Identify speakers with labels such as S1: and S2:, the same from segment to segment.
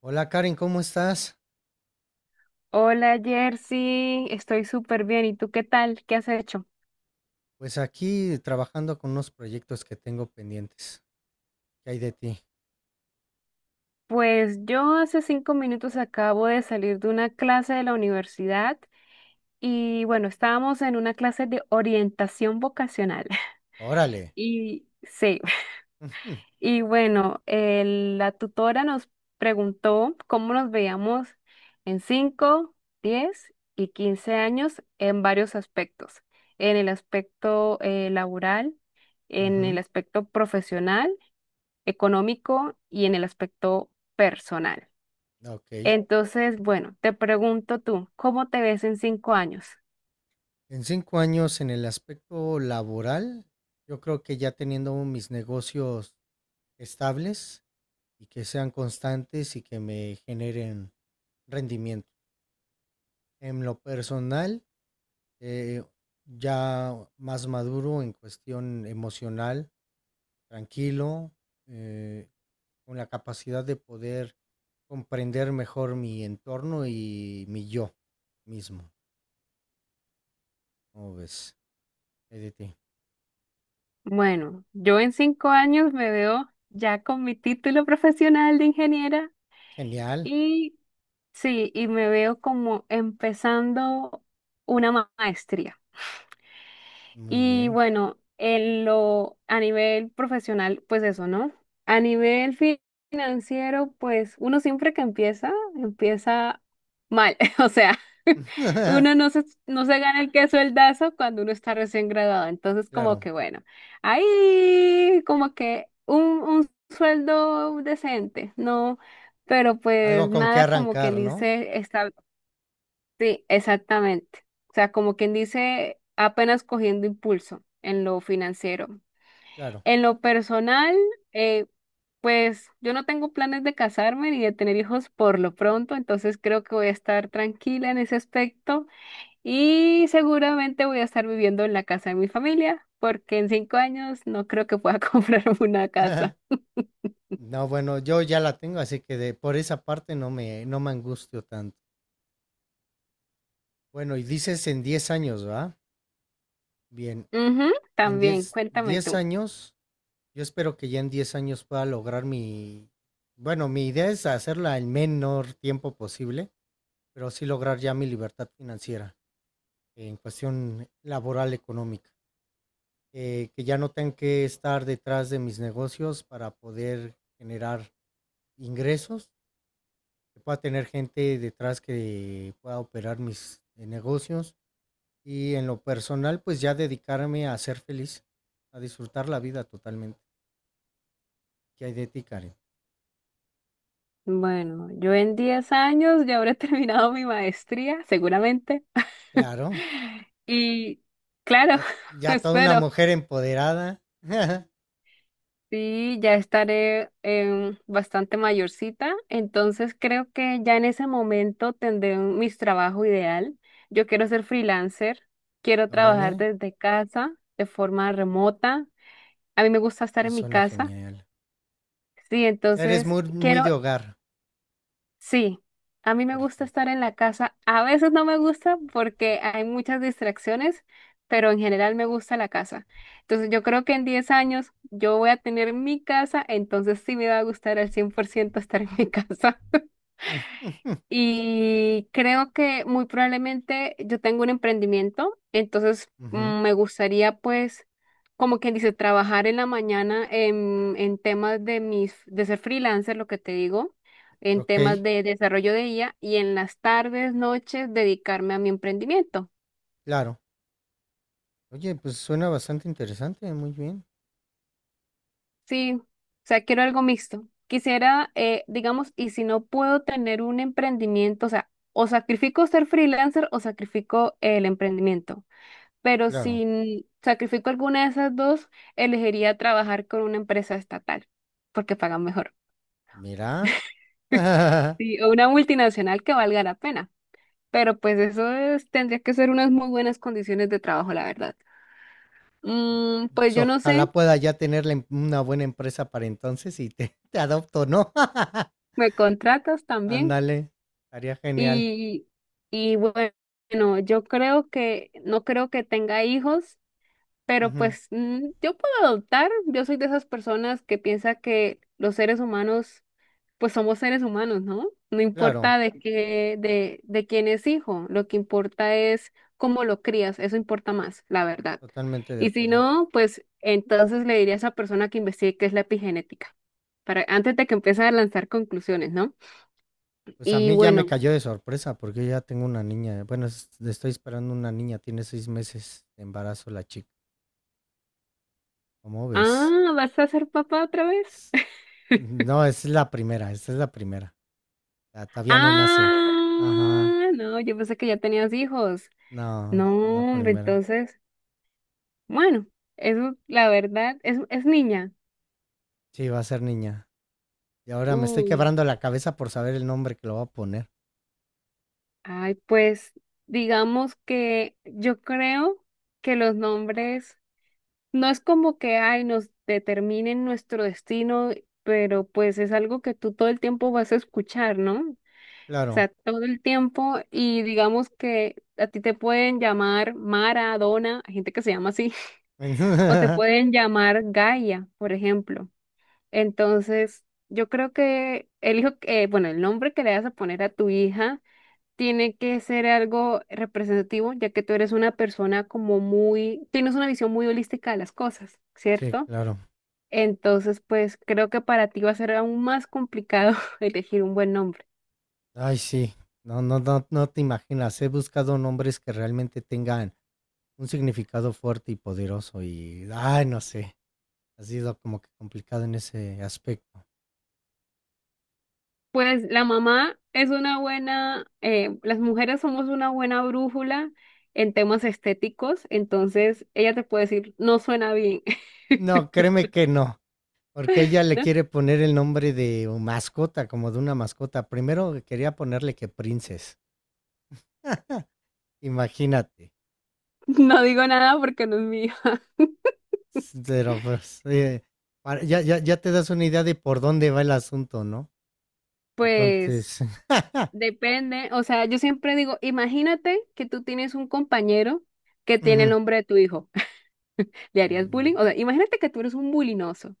S1: Hola Karen, ¿cómo estás?
S2: Hola Jersey, estoy súper bien. ¿Y tú qué tal? ¿Qué has hecho?
S1: Pues aquí trabajando con unos proyectos que tengo pendientes. ¿Qué hay de ti?
S2: Pues yo hace 5 minutos acabo de salir de una clase de la universidad y bueno, estábamos en una clase de orientación vocacional.
S1: Órale.
S2: Y sí,
S1: Ujú.
S2: y bueno, la tutora nos preguntó cómo nos veíamos en 5, 10 y 15 años en varios aspectos, en el aspecto laboral, en el
S1: Ujú.
S2: aspecto profesional económico y en el aspecto personal.
S1: Ok.
S2: Entonces, bueno, te pregunto tú, ¿cómo te ves en 5 años?
S1: En cinco años en el aspecto laboral, yo creo que ya teniendo mis negocios estables y que sean constantes y que me generen rendimiento. En lo personal, eh, ya más maduro en cuestión emocional, tranquilo, eh, con la capacidad de poder comprender mejor mi entorno y mi yo mismo. ¿Cómo ves? ¿Edith?
S2: Bueno, yo en 5 años me veo ya con mi título profesional de ingeniera
S1: Genial,
S2: y sí, y me veo como empezando una maestría.
S1: muy
S2: Y
S1: bien.
S2: bueno, a nivel profesional, pues eso, ¿no? A nivel financiero, pues uno siempre que empieza, empieza mal. O sea, uno no se gana el queso dazo cuando uno está recién graduado. Entonces, como
S1: Claro,
S2: que bueno, ahí como que un sueldo decente, ¿no? Pero pues
S1: algo con que
S2: nada como quien
S1: arrancar, ¿no?
S2: dice. Sí, exactamente. O sea, como quien dice, apenas cogiendo impulso en lo financiero.
S1: Claro.
S2: En lo personal, eh, pues yo no tengo planes de casarme ni de tener hijos por lo pronto, entonces creo que voy a estar tranquila en ese aspecto y seguramente voy a estar viviendo en la casa de mi familia, porque en 5 años no creo que pueda comprarme una casa.
S1: No, bueno, yo ya la tengo, así que por esa parte no me angustio tanto. Bueno, y dices en 10 años, ¿va? Bien,
S2: Ujú,
S1: en
S2: también,
S1: diez,
S2: cuéntame
S1: diez
S2: tú.
S1: años, yo espero que ya en 10 años pueda lograr bueno, mi idea es hacerla el menor tiempo posible, pero sí lograr ya mi libertad financiera, en cuestión laboral económica, que ya no tenga que estar detrás de mis negocios para poder generar ingresos, que pueda tener gente detrás que pueda operar mis negocios, y en lo personal pues ya dedicarme a ser feliz, a disfrutar la vida totalmente. ¿Qué hay de ti, Karen?
S2: Bueno, yo en 10 años ya habré terminado mi maestría, seguramente.
S1: Claro,
S2: Y claro,
S1: ya, ya toda una
S2: espero.
S1: mujer empoderada.
S2: Sí, ya estaré bastante mayorcita, entonces creo que ya en ese momento tendré mi trabajo ideal. Yo quiero ser freelancer, quiero trabajar
S1: Órale,
S2: desde casa, de forma remota. A mí me gusta estar
S1: eso
S2: en mi
S1: suena
S2: casa.
S1: genial.
S2: Sí,
S1: O sea, eres
S2: entonces
S1: muy, muy
S2: quiero.
S1: de hogar.
S2: Sí, a mí me gusta
S1: Perfecto.
S2: estar en la casa. A veces no me gusta porque hay muchas distracciones, pero en general me gusta la casa. Entonces yo creo que en 10 años yo voy a tener mi casa, entonces sí me va a gustar al 100% estar en mi casa.
S1: Ujú.
S2: Y creo que muy probablemente yo tengo un emprendimiento, entonces
S1: Ujú.
S2: me gustaría pues, como quien dice, trabajar en la mañana en temas de de ser freelancer, lo que te digo, en
S1: Ok,
S2: temas de desarrollo de IA y en las tardes, noches, dedicarme a mi emprendimiento.
S1: claro. Oye, pues suena bastante interesante, muy bien.
S2: Sí, o sea, quiero algo mixto. Quisiera, digamos, y si no puedo tener un emprendimiento, o sea, o sacrifico ser freelancer o sacrifico el emprendimiento. Pero
S1: Claro.
S2: si sacrifico alguna de esas dos, elegiría trabajar con una empresa estatal, porque pagan mejor.
S1: Mira.
S2: Sí, o una multinacional que valga la pena. Pero pues tendría que ser unas muy buenas condiciones de trabajo, la verdad. Pues
S1: So,
S2: yo no sé,
S1: ojalá pueda ya tener la una buena empresa para entonces y te adopto, ¿no?
S2: me contratas también.
S1: Ándale, estaría genial.
S2: Y, y bueno, yo creo que, no creo que tenga hijos, pero
S1: Ujú.
S2: pues yo puedo adoptar. Yo soy de esas personas que piensa que los seres humanos pues somos seres humanos, ¿no? No
S1: Claro,
S2: importa de quién es hijo, lo que importa es cómo lo crías, eso importa más, la verdad.
S1: totalmente de
S2: Y si
S1: acuerdo.
S2: no, pues entonces le diría a esa persona que investigue qué es la epigenética, para, antes de que empiece a lanzar conclusiones, ¿no?
S1: Pues a
S2: Y
S1: mí ya me
S2: bueno,
S1: cayó de sorpresa porque yo ya tengo una niña. Bueno, estoy esperando una niña, tiene seis meses de embarazo la chica. ¿Cómo ves?
S2: ah, ¿vas a ser papá otra vez?
S1: No, esa es la primera. Esta es la primera. Ah, todavía no nace. Ajá.
S2: Ah, no, yo pensé que ya tenías hijos.
S1: No,
S2: No,
S1: la
S2: hombre,
S1: primera.
S2: entonces, bueno, eso la verdad, es niña.
S1: Sí, va a ser niña. Y ahora me estoy
S2: Uy.
S1: quebrando la cabeza por saber el nombre que lo va a poner.
S2: Ay, pues digamos que yo creo que los nombres no es como que ay nos determinen nuestro destino, pero pues es algo que tú todo el tiempo vas a escuchar, ¿no? O
S1: Claro.
S2: sea, todo el tiempo y digamos que a ti te pueden llamar Mara, Donna, hay gente que se llama así, o te pueden llamar Gaia, por ejemplo. Entonces, yo creo que bueno, el nombre que le vas a poner a tu hija tiene que ser algo representativo, ya que tú eres una persona tienes una visión muy holística de las cosas,
S1: sí,
S2: ¿cierto?
S1: claro.
S2: Entonces, pues creo que para ti va a ser aún más complicado elegir un buen nombre.
S1: Ay, sí. No, no, no, no te imaginas. He buscado nombres que realmente tengan un significado fuerte y poderoso. Y, ay, no sé. Ha sido como que complicado en ese aspecto.
S2: Pues la mamá es una buena, las mujeres somos una buena brújula en temas estéticos, entonces ella te puede decir, no suena bien,
S1: No, créeme que no. Porque ella le
S2: ¿no?
S1: quiere poner el nombre de mascota, como de una mascota. Primero quería ponerle que Princess. Imagínate.
S2: No digo nada porque no es mío.
S1: Pero pues, ya te das una idea de por dónde va el asunto, ¿no?
S2: Pues
S1: Entonces,
S2: depende, o sea, yo siempre digo, imagínate que tú tienes un compañero que tiene el
S1: ujú,
S2: nombre de tu hijo, ¿le harías bullying?
S1: mm,
S2: O sea, imagínate que tú eres un bulinoso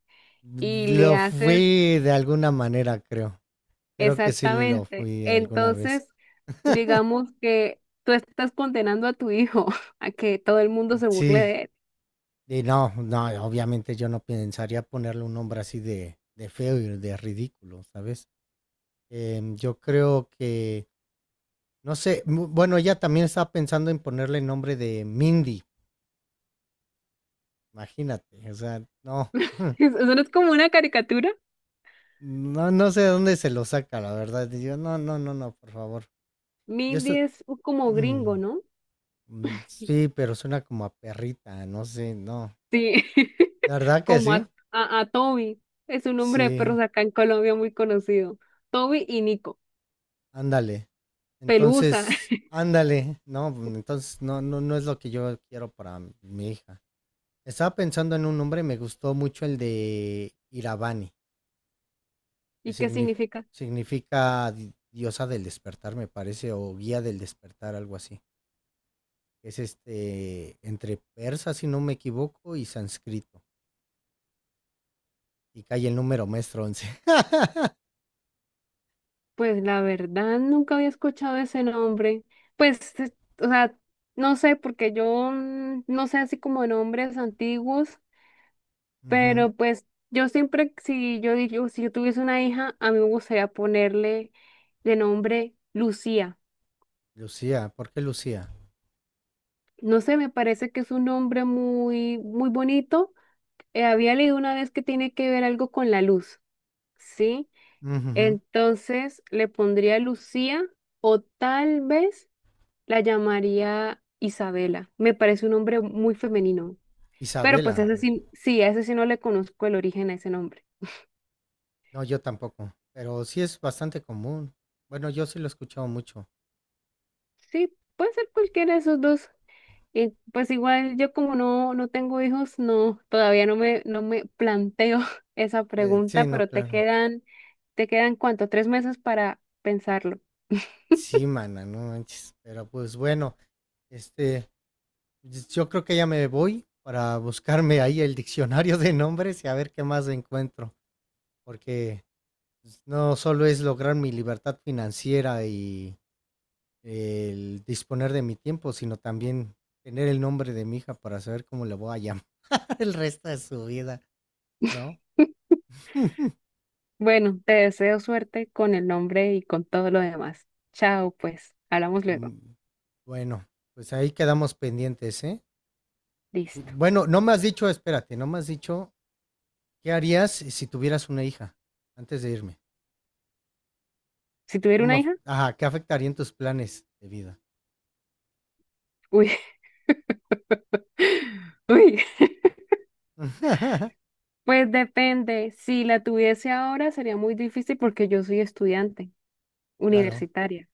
S2: y le
S1: lo
S2: haces
S1: fui de alguna manera, creo. Creo que sí lo
S2: exactamente.
S1: fui alguna vez.
S2: Entonces, digamos que tú estás condenando a tu hijo a que todo el mundo se burle
S1: Sí,
S2: de él.
S1: y no, no, obviamente yo no pensaría ponerle un nombre así de feo y de ridículo, ¿sabes? Yo creo que, no sé, bueno, ella también estaba pensando en ponerle el nombre de Mindy. Imagínate, o sea, no.
S2: Eso no es como una caricatura.
S1: No, no sé de dónde se lo saca, la verdad. Y yo, no, no, no, no, por favor. Yo
S2: Mindy
S1: estoy...
S2: es como gringo, ¿no?
S1: Sí, pero suena como a perrita, no sé, no.
S2: Sí,
S1: ¿De verdad que
S2: como a,
S1: sí?
S2: a, a Toby, es un nombre de
S1: Sí,
S2: perros acá en Colombia muy conocido. Toby y Nico.
S1: ándale.
S2: Pelusa.
S1: Entonces, ándale, no, pues, entonces no, no, no es lo que yo quiero para mi hija. Estaba pensando en un nombre, me gustó mucho el de Iravani, que
S2: ¿Y qué
S1: signif-
S2: significa?
S1: significa diosa del despertar, me parece, o guía del despertar, algo así. Es este entre persa, si no me equivoco, y sánscrito. Y cae el número maestro 11.
S2: Pues la verdad nunca había escuchado ese nombre. Pues, o sea, no sé, porque yo no sé así como de nombres antiguos,
S1: Ujú.
S2: pero pues yo siempre, si yo digo, si yo tuviese una hija, a mí me gustaría ponerle de nombre Lucía.
S1: Lucía, ¿por qué Lucía?
S2: No sé, me parece que es un nombre muy, muy bonito. Había leído una vez que tiene que ver algo con la luz, ¿sí?
S1: Ujujú.
S2: Entonces le pondría Lucía. O tal vez la llamaría Isabela. Me parece un nombre muy femenino. Pero pues
S1: Isabela.
S2: ese sí, sí, a ese sí no le conozco el origen a ese nombre.
S1: No, yo tampoco. Pero sí es bastante común. Bueno, yo sí lo he escuchado mucho.
S2: Sí, puede ser cualquiera de esos dos. Y pues igual yo como no tengo hijos, no, todavía no me planteo esa
S1: Sí,
S2: pregunta,
S1: no,
S2: pero te
S1: claro.
S2: quedan, te quedan ¿cuánto? 3 meses para pensarlo.
S1: Sí, mana, no manches. Pero pues bueno, este, pues yo creo que ya me voy para buscarme ahí el diccionario de nombres y a ver qué más encuentro. Porque pues, no solo es lograr mi libertad financiera y el disponer de mi tiempo, sino también tener el nombre de mi hija para saber cómo le voy a llamar el resto de su vida, ¿no?
S2: Bueno, te deseo suerte con el nombre y con todo lo demás. Chao, pues, hablamos luego.
S1: Mm, bueno, pues ahí quedamos pendientes, ¿eh? Y
S2: Listo.
S1: bueno, no me has dicho, espérate, no me has dicho, ¿qué harías si tuvieras una hija antes de irme?
S2: Si tuviera
S1: ¿Cómo,
S2: una hija,
S1: ajá, qué afectarían tus planes de vida?
S2: uy, uy. Pues depende, si la tuviese ahora sería muy difícil porque yo soy estudiante
S1: Claro,
S2: universitaria,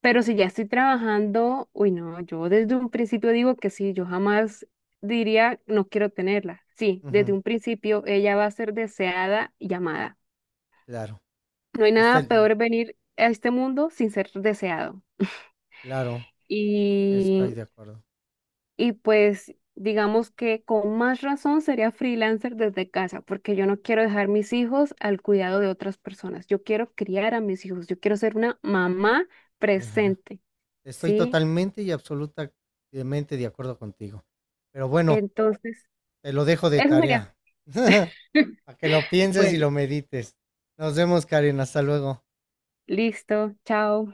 S2: pero si ya estoy trabajando, uy no, yo desde un principio digo que sí, yo jamás diría no quiero tenerla. Sí, desde
S1: ujú,
S2: un principio ella va a ser deseada y amada.
S1: claro.
S2: No hay
S1: Pues
S2: nada
S1: te-
S2: peor venir a este mundo sin ser deseado.
S1: claro, sí,
S2: Y
S1: estoy de acuerdo.
S2: Y pues digamos que con más razón sería freelancer desde casa, porque yo no quiero dejar mis hijos al cuidado de otras personas. Yo quiero criar a mis hijos, yo quiero ser una mamá presente,
S1: Estoy
S2: ¿sí?
S1: totalmente y absolutamente de acuerdo contigo. Pero bueno,
S2: Entonces,
S1: te lo dejo de
S2: eso sería.
S1: tarea. Para que lo pienses y
S2: Bueno,
S1: lo medites. Nos vemos, Karen. Hasta luego.
S2: listo, chao.